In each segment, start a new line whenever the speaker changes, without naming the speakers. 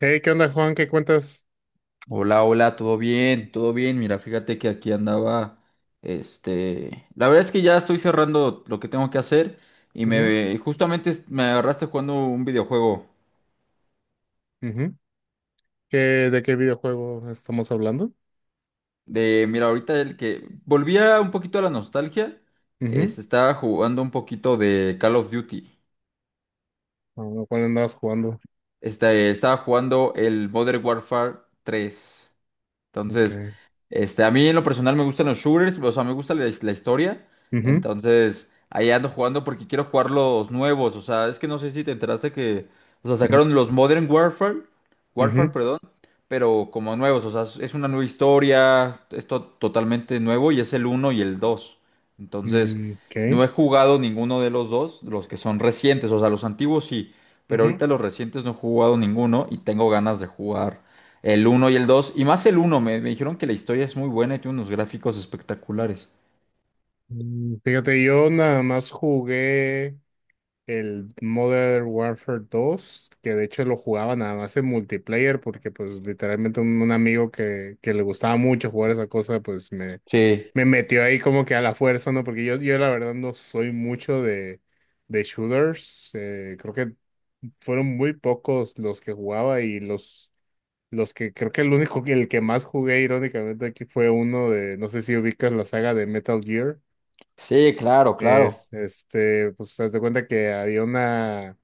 Hey, ¿qué onda, Juan? ¿Qué cuentas?
Hola, hola, todo bien, todo bien. Mira, fíjate que aquí andaba, la verdad es que ya estoy cerrando lo que tengo que hacer y
Ujú,
me agarraste jugando un videojuego
ujú. ¿Qué- ¿De qué videojuego estamos hablando?
de, mira, ahorita el que volvía un poquito a la nostalgia,
Ujú.
estaba jugando un poquito de Call of Duty.
Ah, ¿cuál andabas jugando?
Estaba jugando el Modern Warfare tres. Entonces,
Okay.
a mí en lo personal me gustan los shooters, o sea, me gusta la historia.
Ujú,
Entonces, ahí ando jugando porque quiero jugar los nuevos. O sea, es que no sé si te enteraste que, o sea,
ujú,
sacaron los Modern Warfare, Warfare,
ujú.
perdón, pero como nuevos. O sea, es una nueva historia, es totalmente nuevo y es el uno y el 2. Entonces,
Mm, ok.
no he jugado ninguno de los dos, los que son recientes, o sea, los antiguos sí, pero
Ujú.
ahorita los recientes no he jugado ninguno y tengo ganas de jugar el uno y el 2 y más el uno me dijeron que la historia es muy buena y tiene unos gráficos espectaculares.
Mm, fíjate, yo nada más jugué el Modern Warfare dos, que de hecho lo jugaba nada más en multiplayer, porque pues literalmente un amigo que le gustaba mucho jugar esa cosa, pues
Sí,
me metió ahí como que a la fuerza, ¿no? Porque yo la verdad no soy mucho de shooters. Eh, creo que fueron muy pocos los que jugaba, y los que creo que el único que el que más jugué irónicamente aquí fue uno de, no sé si ubicas la saga de Metal Gear.
sí, claro, claro,
Es, este, pues, haz de cuenta que había una,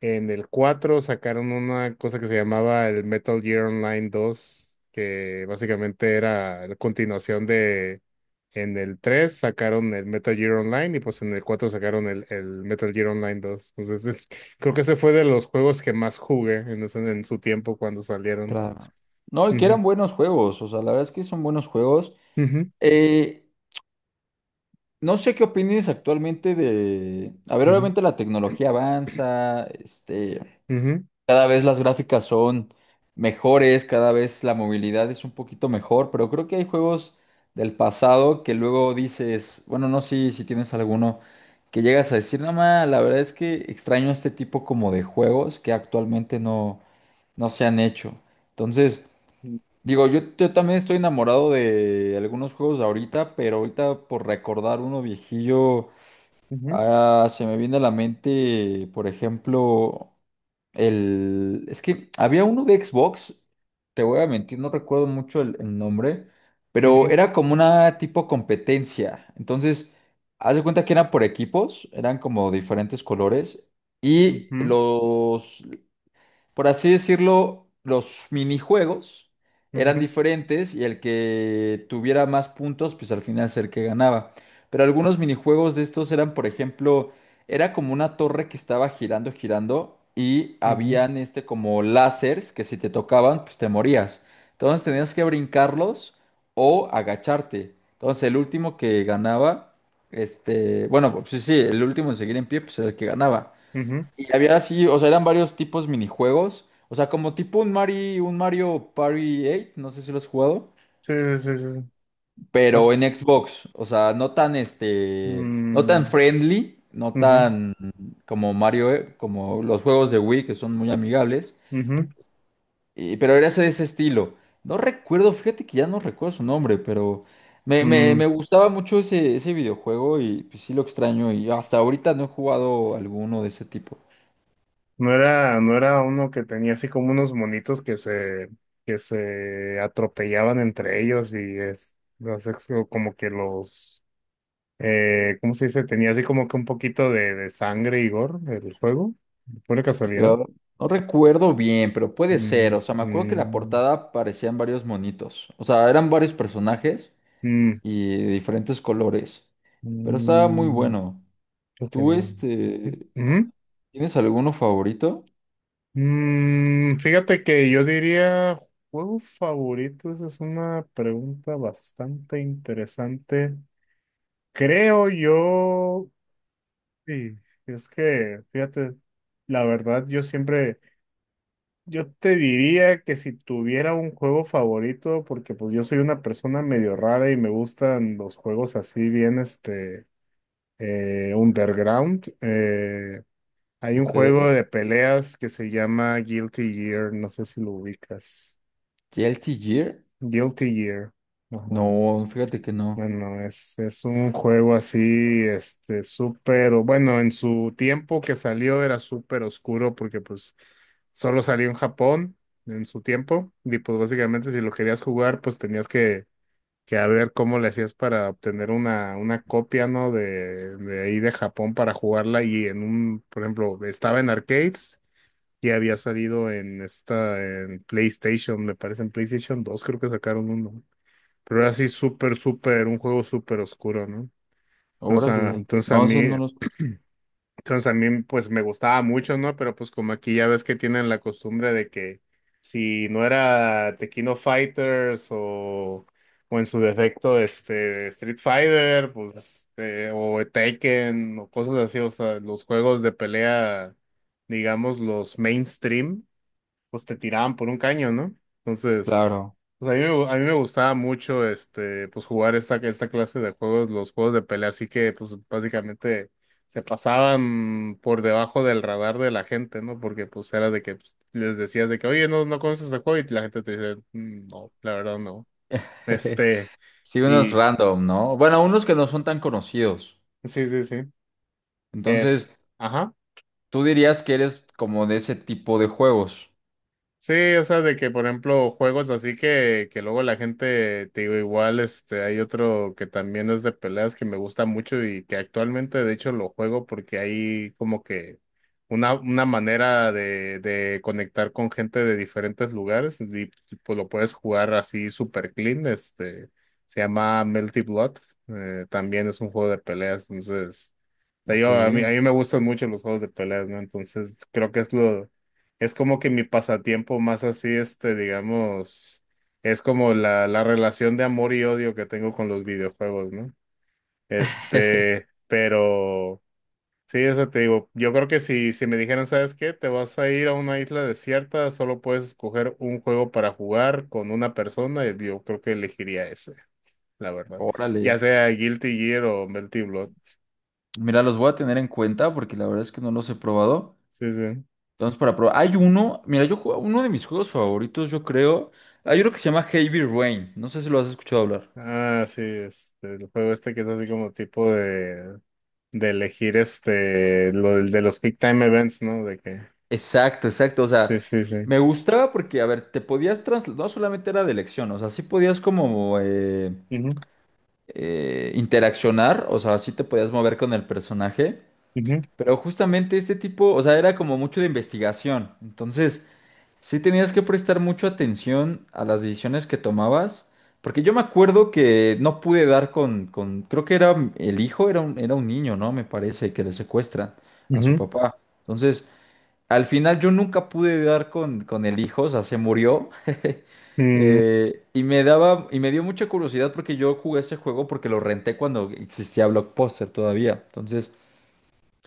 en el 4 sacaron una cosa que se llamaba el Metal Gear Online dos, que básicamente era la continuación de... En el 3 sacaron el Metal Gear Online, y pues en el 4 sacaron el Metal Gear Online dos. Entonces, creo que ese fue de los juegos que más jugué en su tiempo cuando salieron.
claro. No, y que
Ujú,
eran buenos juegos, o sea, la verdad es que son buenos juegos.
ujú,
Eh, no sé qué opines actualmente de... A ver,
ujú,
obviamente la tecnología avanza, este...
ujú,
Cada vez las gráficas son mejores, cada vez la movilidad es un poquito mejor, pero creo que hay juegos del pasado que luego dices, bueno, no sé si tienes alguno que llegas a decir, nada la verdad es que extraño este tipo como de juegos que actualmente no, no se han hecho. Entonces, digo, yo también estoy enamorado de algunos juegos de ahorita, pero ahorita por recordar uno viejillo.
ujú,
Ahora se me viene a la mente, por ejemplo, el... Es que había uno de Xbox, te voy a mentir, no recuerdo mucho el nombre, pero
ujú,
era como una tipo competencia. Entonces, haz de cuenta que era por equipos, eran como diferentes colores, y los por así decirlo, los minijuegos
ujú,
eran
ujú,
diferentes y el que tuviera más puntos, pues al final ser que ganaba. Pero algunos minijuegos de estos eran, por ejemplo, era como una torre que estaba girando, girando y
ujú,
habían este como láseres que si te tocaban, pues te morías. Entonces tenías que brincarlos o agacharte. Entonces el último que ganaba, bueno, pues sí, sí, el último en seguir en pie, pues era el que ganaba.
ujú.
Y había así, o sea, eran varios tipos minijuegos. O sea, como tipo un Mario Party 8, no sé si lo has jugado,
Sí, sí, sí, sí. O
pero
sea,
en Xbox. O sea, no tan este, no tan
mm,
friendly, no
ujú,
tan como Mario, como los juegos de Wii que son muy amigables.
ujú,
Y, pero era ese de ese estilo. No recuerdo, fíjate que ya no recuerdo su nombre, pero
mm.
me gustaba mucho ese videojuego y pues, sí lo extraño. Y hasta ahorita no he jugado alguno de ese tipo.
No era uno que tenía así como unos monitos que se atropellaban entre ellos, y como que los, ¿cómo se dice? Tenía así como que un poquito de sangre y gore el juego, pura casualidad.
Yo no recuerdo bien, pero puede ser.
Mm,
O sea, me acuerdo que la
mm,
portada parecían varios monitos. O sea, eran varios personajes
mm,
y de diferentes colores. Pero estaba muy
mm,
bueno.
este
¿Tú,
no. Ujú.
tienes alguno favorito?
Mm, fíjate que yo diría, ¿juego favorito? Esa es una pregunta bastante interesante. Creo yo, sí, es que, fíjate, la verdad yo siempre, yo te diría que si tuviera un juego favorito, porque pues yo soy una persona medio rara y me gustan los juegos así bien, este, underground. Eh, hay un
Ok.
juego de peleas que se llama Guilty Gear, no sé si lo ubicas.
¿Guilty Gear?
Guilty Gear, ajá.
No, fíjate que no.
Bueno, es un juego así, este, bueno, en su tiempo que salió era súper oscuro, porque pues solo salió en Japón en su tiempo, y pues básicamente si lo querías jugar pues tenías que a ver cómo le hacías para obtener una copia, ¿no? De ahí de Japón para jugarla. Y en un, por ejemplo, estaba en arcades, y había salido en esta, en PlayStation, me parece en PlayStation 2 creo que sacaron uno. Pero era así súper, súper, un juego súper oscuro, ¿no? Entonces,
Órale. No sé, no los...
entonces a mí, pues me gustaba mucho, ¿no? Pero pues como aquí ya ves que tienen la costumbre de que si no era Tequino Fighters o en su defecto, este, Street Fighter, pues, este, o Tekken, o cosas así, o sea, los juegos de pelea, digamos, los mainstream, pues te tiraban por un caño, ¿no? Entonces,
Claro.
pues a a mí me gustaba mucho, este, pues jugar esta clase de juegos, los juegos de pelea, así que pues básicamente se pasaban por debajo del radar de la gente, ¿no? Porque pues era de que pues, les decías de que, oye, no conoces este juego, y la gente te dice, "Mm, no, la verdad no." Este,
Sí, unos
y
random, ¿no? Bueno, unos que no son tan conocidos.
sí, sí, sí. Es,
Entonces,
ajá.
tú dirías que eres como de ese tipo de juegos.
Sí, o sea, de que, por ejemplo, juegos así que luego la gente, te digo, igual, este, hay otro que también es de peleas que me gusta mucho y que actualmente, de hecho, lo juego, porque hay como que una manera de conectar con gente de diferentes lugares, y pues lo puedes jugar así super clean, este, se llama Melty Blood. Eh, también es un juego de peleas. Entonces, te digo,
Ok.
a mí me gustan mucho los juegos de peleas, ¿no? Entonces, creo que es lo... Es como que mi pasatiempo más así, este, digamos, es como la relación de amor y odio que tengo con los videojuegos, ¿no? Este, pero sí, eso te digo, yo creo que si me dijeran, ¿sabes qué? Te vas a ir a una isla desierta, solo puedes escoger un juego para jugar con una persona, y yo creo que elegiría ese, la verdad. Ya
Órale,
sea Guilty Gear o Melty Blood.
mira, los voy a tener en cuenta porque la verdad es que no los he probado.
Sí, sí.
Entonces, para probar, hay uno, mira, uno de mis juegos favoritos, yo creo, hay uno que se llama Heavy Rain, no sé si lo has escuchado hablar.
Ah, sí, este, el juego este que es así como tipo de elegir este, de los peak time events, ¿no? De que,
Exacto, exacto, o sea,
sí, sí, sí.
me gustaba porque, a ver, te podías trasladar, no solamente era de elección, o sea, sí podías como
Ujú,
interaccionar, o sea, sí te podías mover con el personaje,
ujú,
pero justamente este tipo, o sea, era como mucho de investigación, entonces... Sí tenías que prestar mucha atención a las decisiones que tomabas, porque yo me acuerdo que no pude dar con, creo que era el hijo, era un niño, ¿no? Me parece, que le secuestran a su
ujú,
papá. Entonces, al final yo nunca pude dar con el hijo, o sea, se murió.
mm,
Y me dio mucha curiosidad porque yo jugué ese juego porque lo renté cuando existía Blockbuster todavía. Entonces,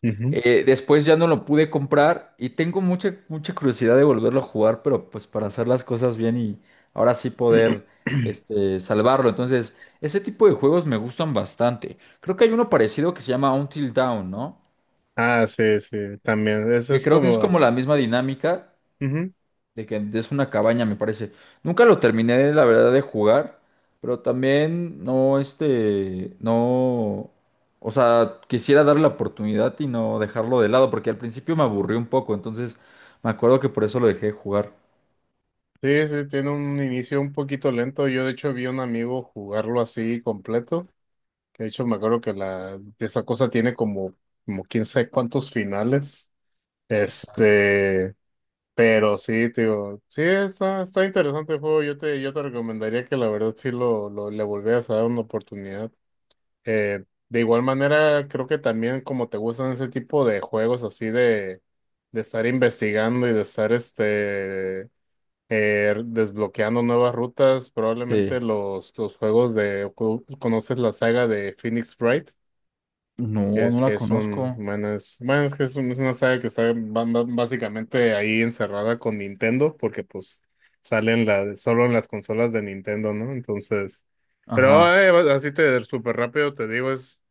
ujú.
después ya no lo pude comprar y tengo mucha curiosidad de volverlo a jugar, pero pues para hacer las cosas bien y ahora sí poder salvarlo. Entonces, ese tipo de juegos me gustan bastante. Creo que hay uno parecido que se llama Until Dawn, ¿no?
Ah, sí, sí, también. Ese
Que
es
creo que es
como,
como la misma dinámica,
ujú.
de que es una cabaña, me parece. Nunca lo terminé, la verdad, de jugar, pero también no, no, o sea, quisiera darle la oportunidad y no dejarlo de lado, porque al principio me aburrió un poco, entonces me acuerdo que por eso lo dejé de jugar.
Sí, sí, tiene un inicio un poquito lento. Yo, de hecho, vi a un amigo jugarlo así completo. Que De hecho, me acuerdo que la, esa cosa tiene como, como quién sabe cuántos finales.
Exacto.
Este. Pero sí, tío, sí está, está interesante el juego. Yo te recomendaría que la verdad sí lo le volvieras a dar una oportunidad. Eh, de igual manera, creo que también como te gustan ese tipo de juegos así de estar investigando y de estar este, desbloqueando nuevas rutas, probablemente
Sí,
los juegos de, conoces la saga de Phoenix Wright,
no, no la
que es
conozco.
un, bueno, es que es, es una saga que está básicamente ahí encerrada con Nintendo, porque pues salen la, solo en las consolas de Nintendo, ¿no? Entonces, pero
Ajá,
así te súper rápido te digo, es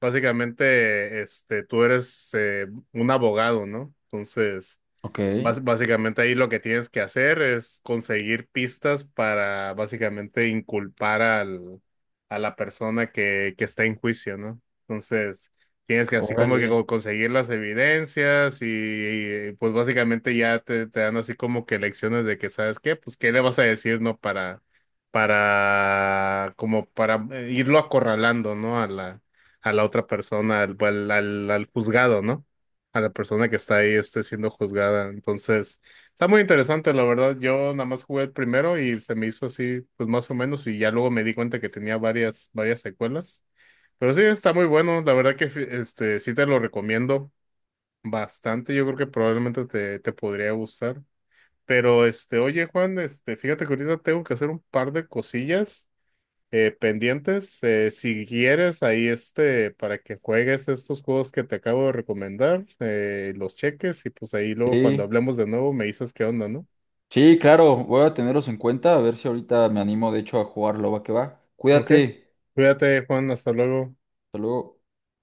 básicamente, este, tú eres, un abogado, ¿no? Entonces,
ok,
básicamente ahí lo que tienes que hacer es conseguir pistas para básicamente inculpar al, a la persona que está en juicio, ¿no? Entonces, tienes que
ok.
así como que
órale,
conseguir las evidencias y pues básicamente ya te dan así como que lecciones de que sabes qué, pues qué le vas a decir, ¿no? Para, como para, irlo acorralando, ¿no? A la otra persona, al juzgado, ¿no? A la persona que está ahí esté siendo juzgada. Entonces, está muy interesante, la verdad. Yo nada más jugué el primero y se me hizo así, pues más o menos, y ya luego me di cuenta que tenía varias secuelas. Pero sí, está muy bueno. La verdad que este sí te lo recomiendo bastante. Yo creo que probablemente te podría gustar. Pero este, oye, Juan, este, fíjate que ahorita tengo que hacer un par de cosillas, pendientes. Si quieres, ahí este, para que juegues estos juegos que te acabo de recomendar, los cheques, y pues ahí luego cuando
sí,
hablemos de nuevo me dices qué onda, ¿no?
sí, claro, voy a tenerlos en cuenta, a ver si ahorita me animo, de hecho, a jugarlo, va que va.
Ok.
Cuídate,
Cuídate, Juan, hasta luego.
hasta luego.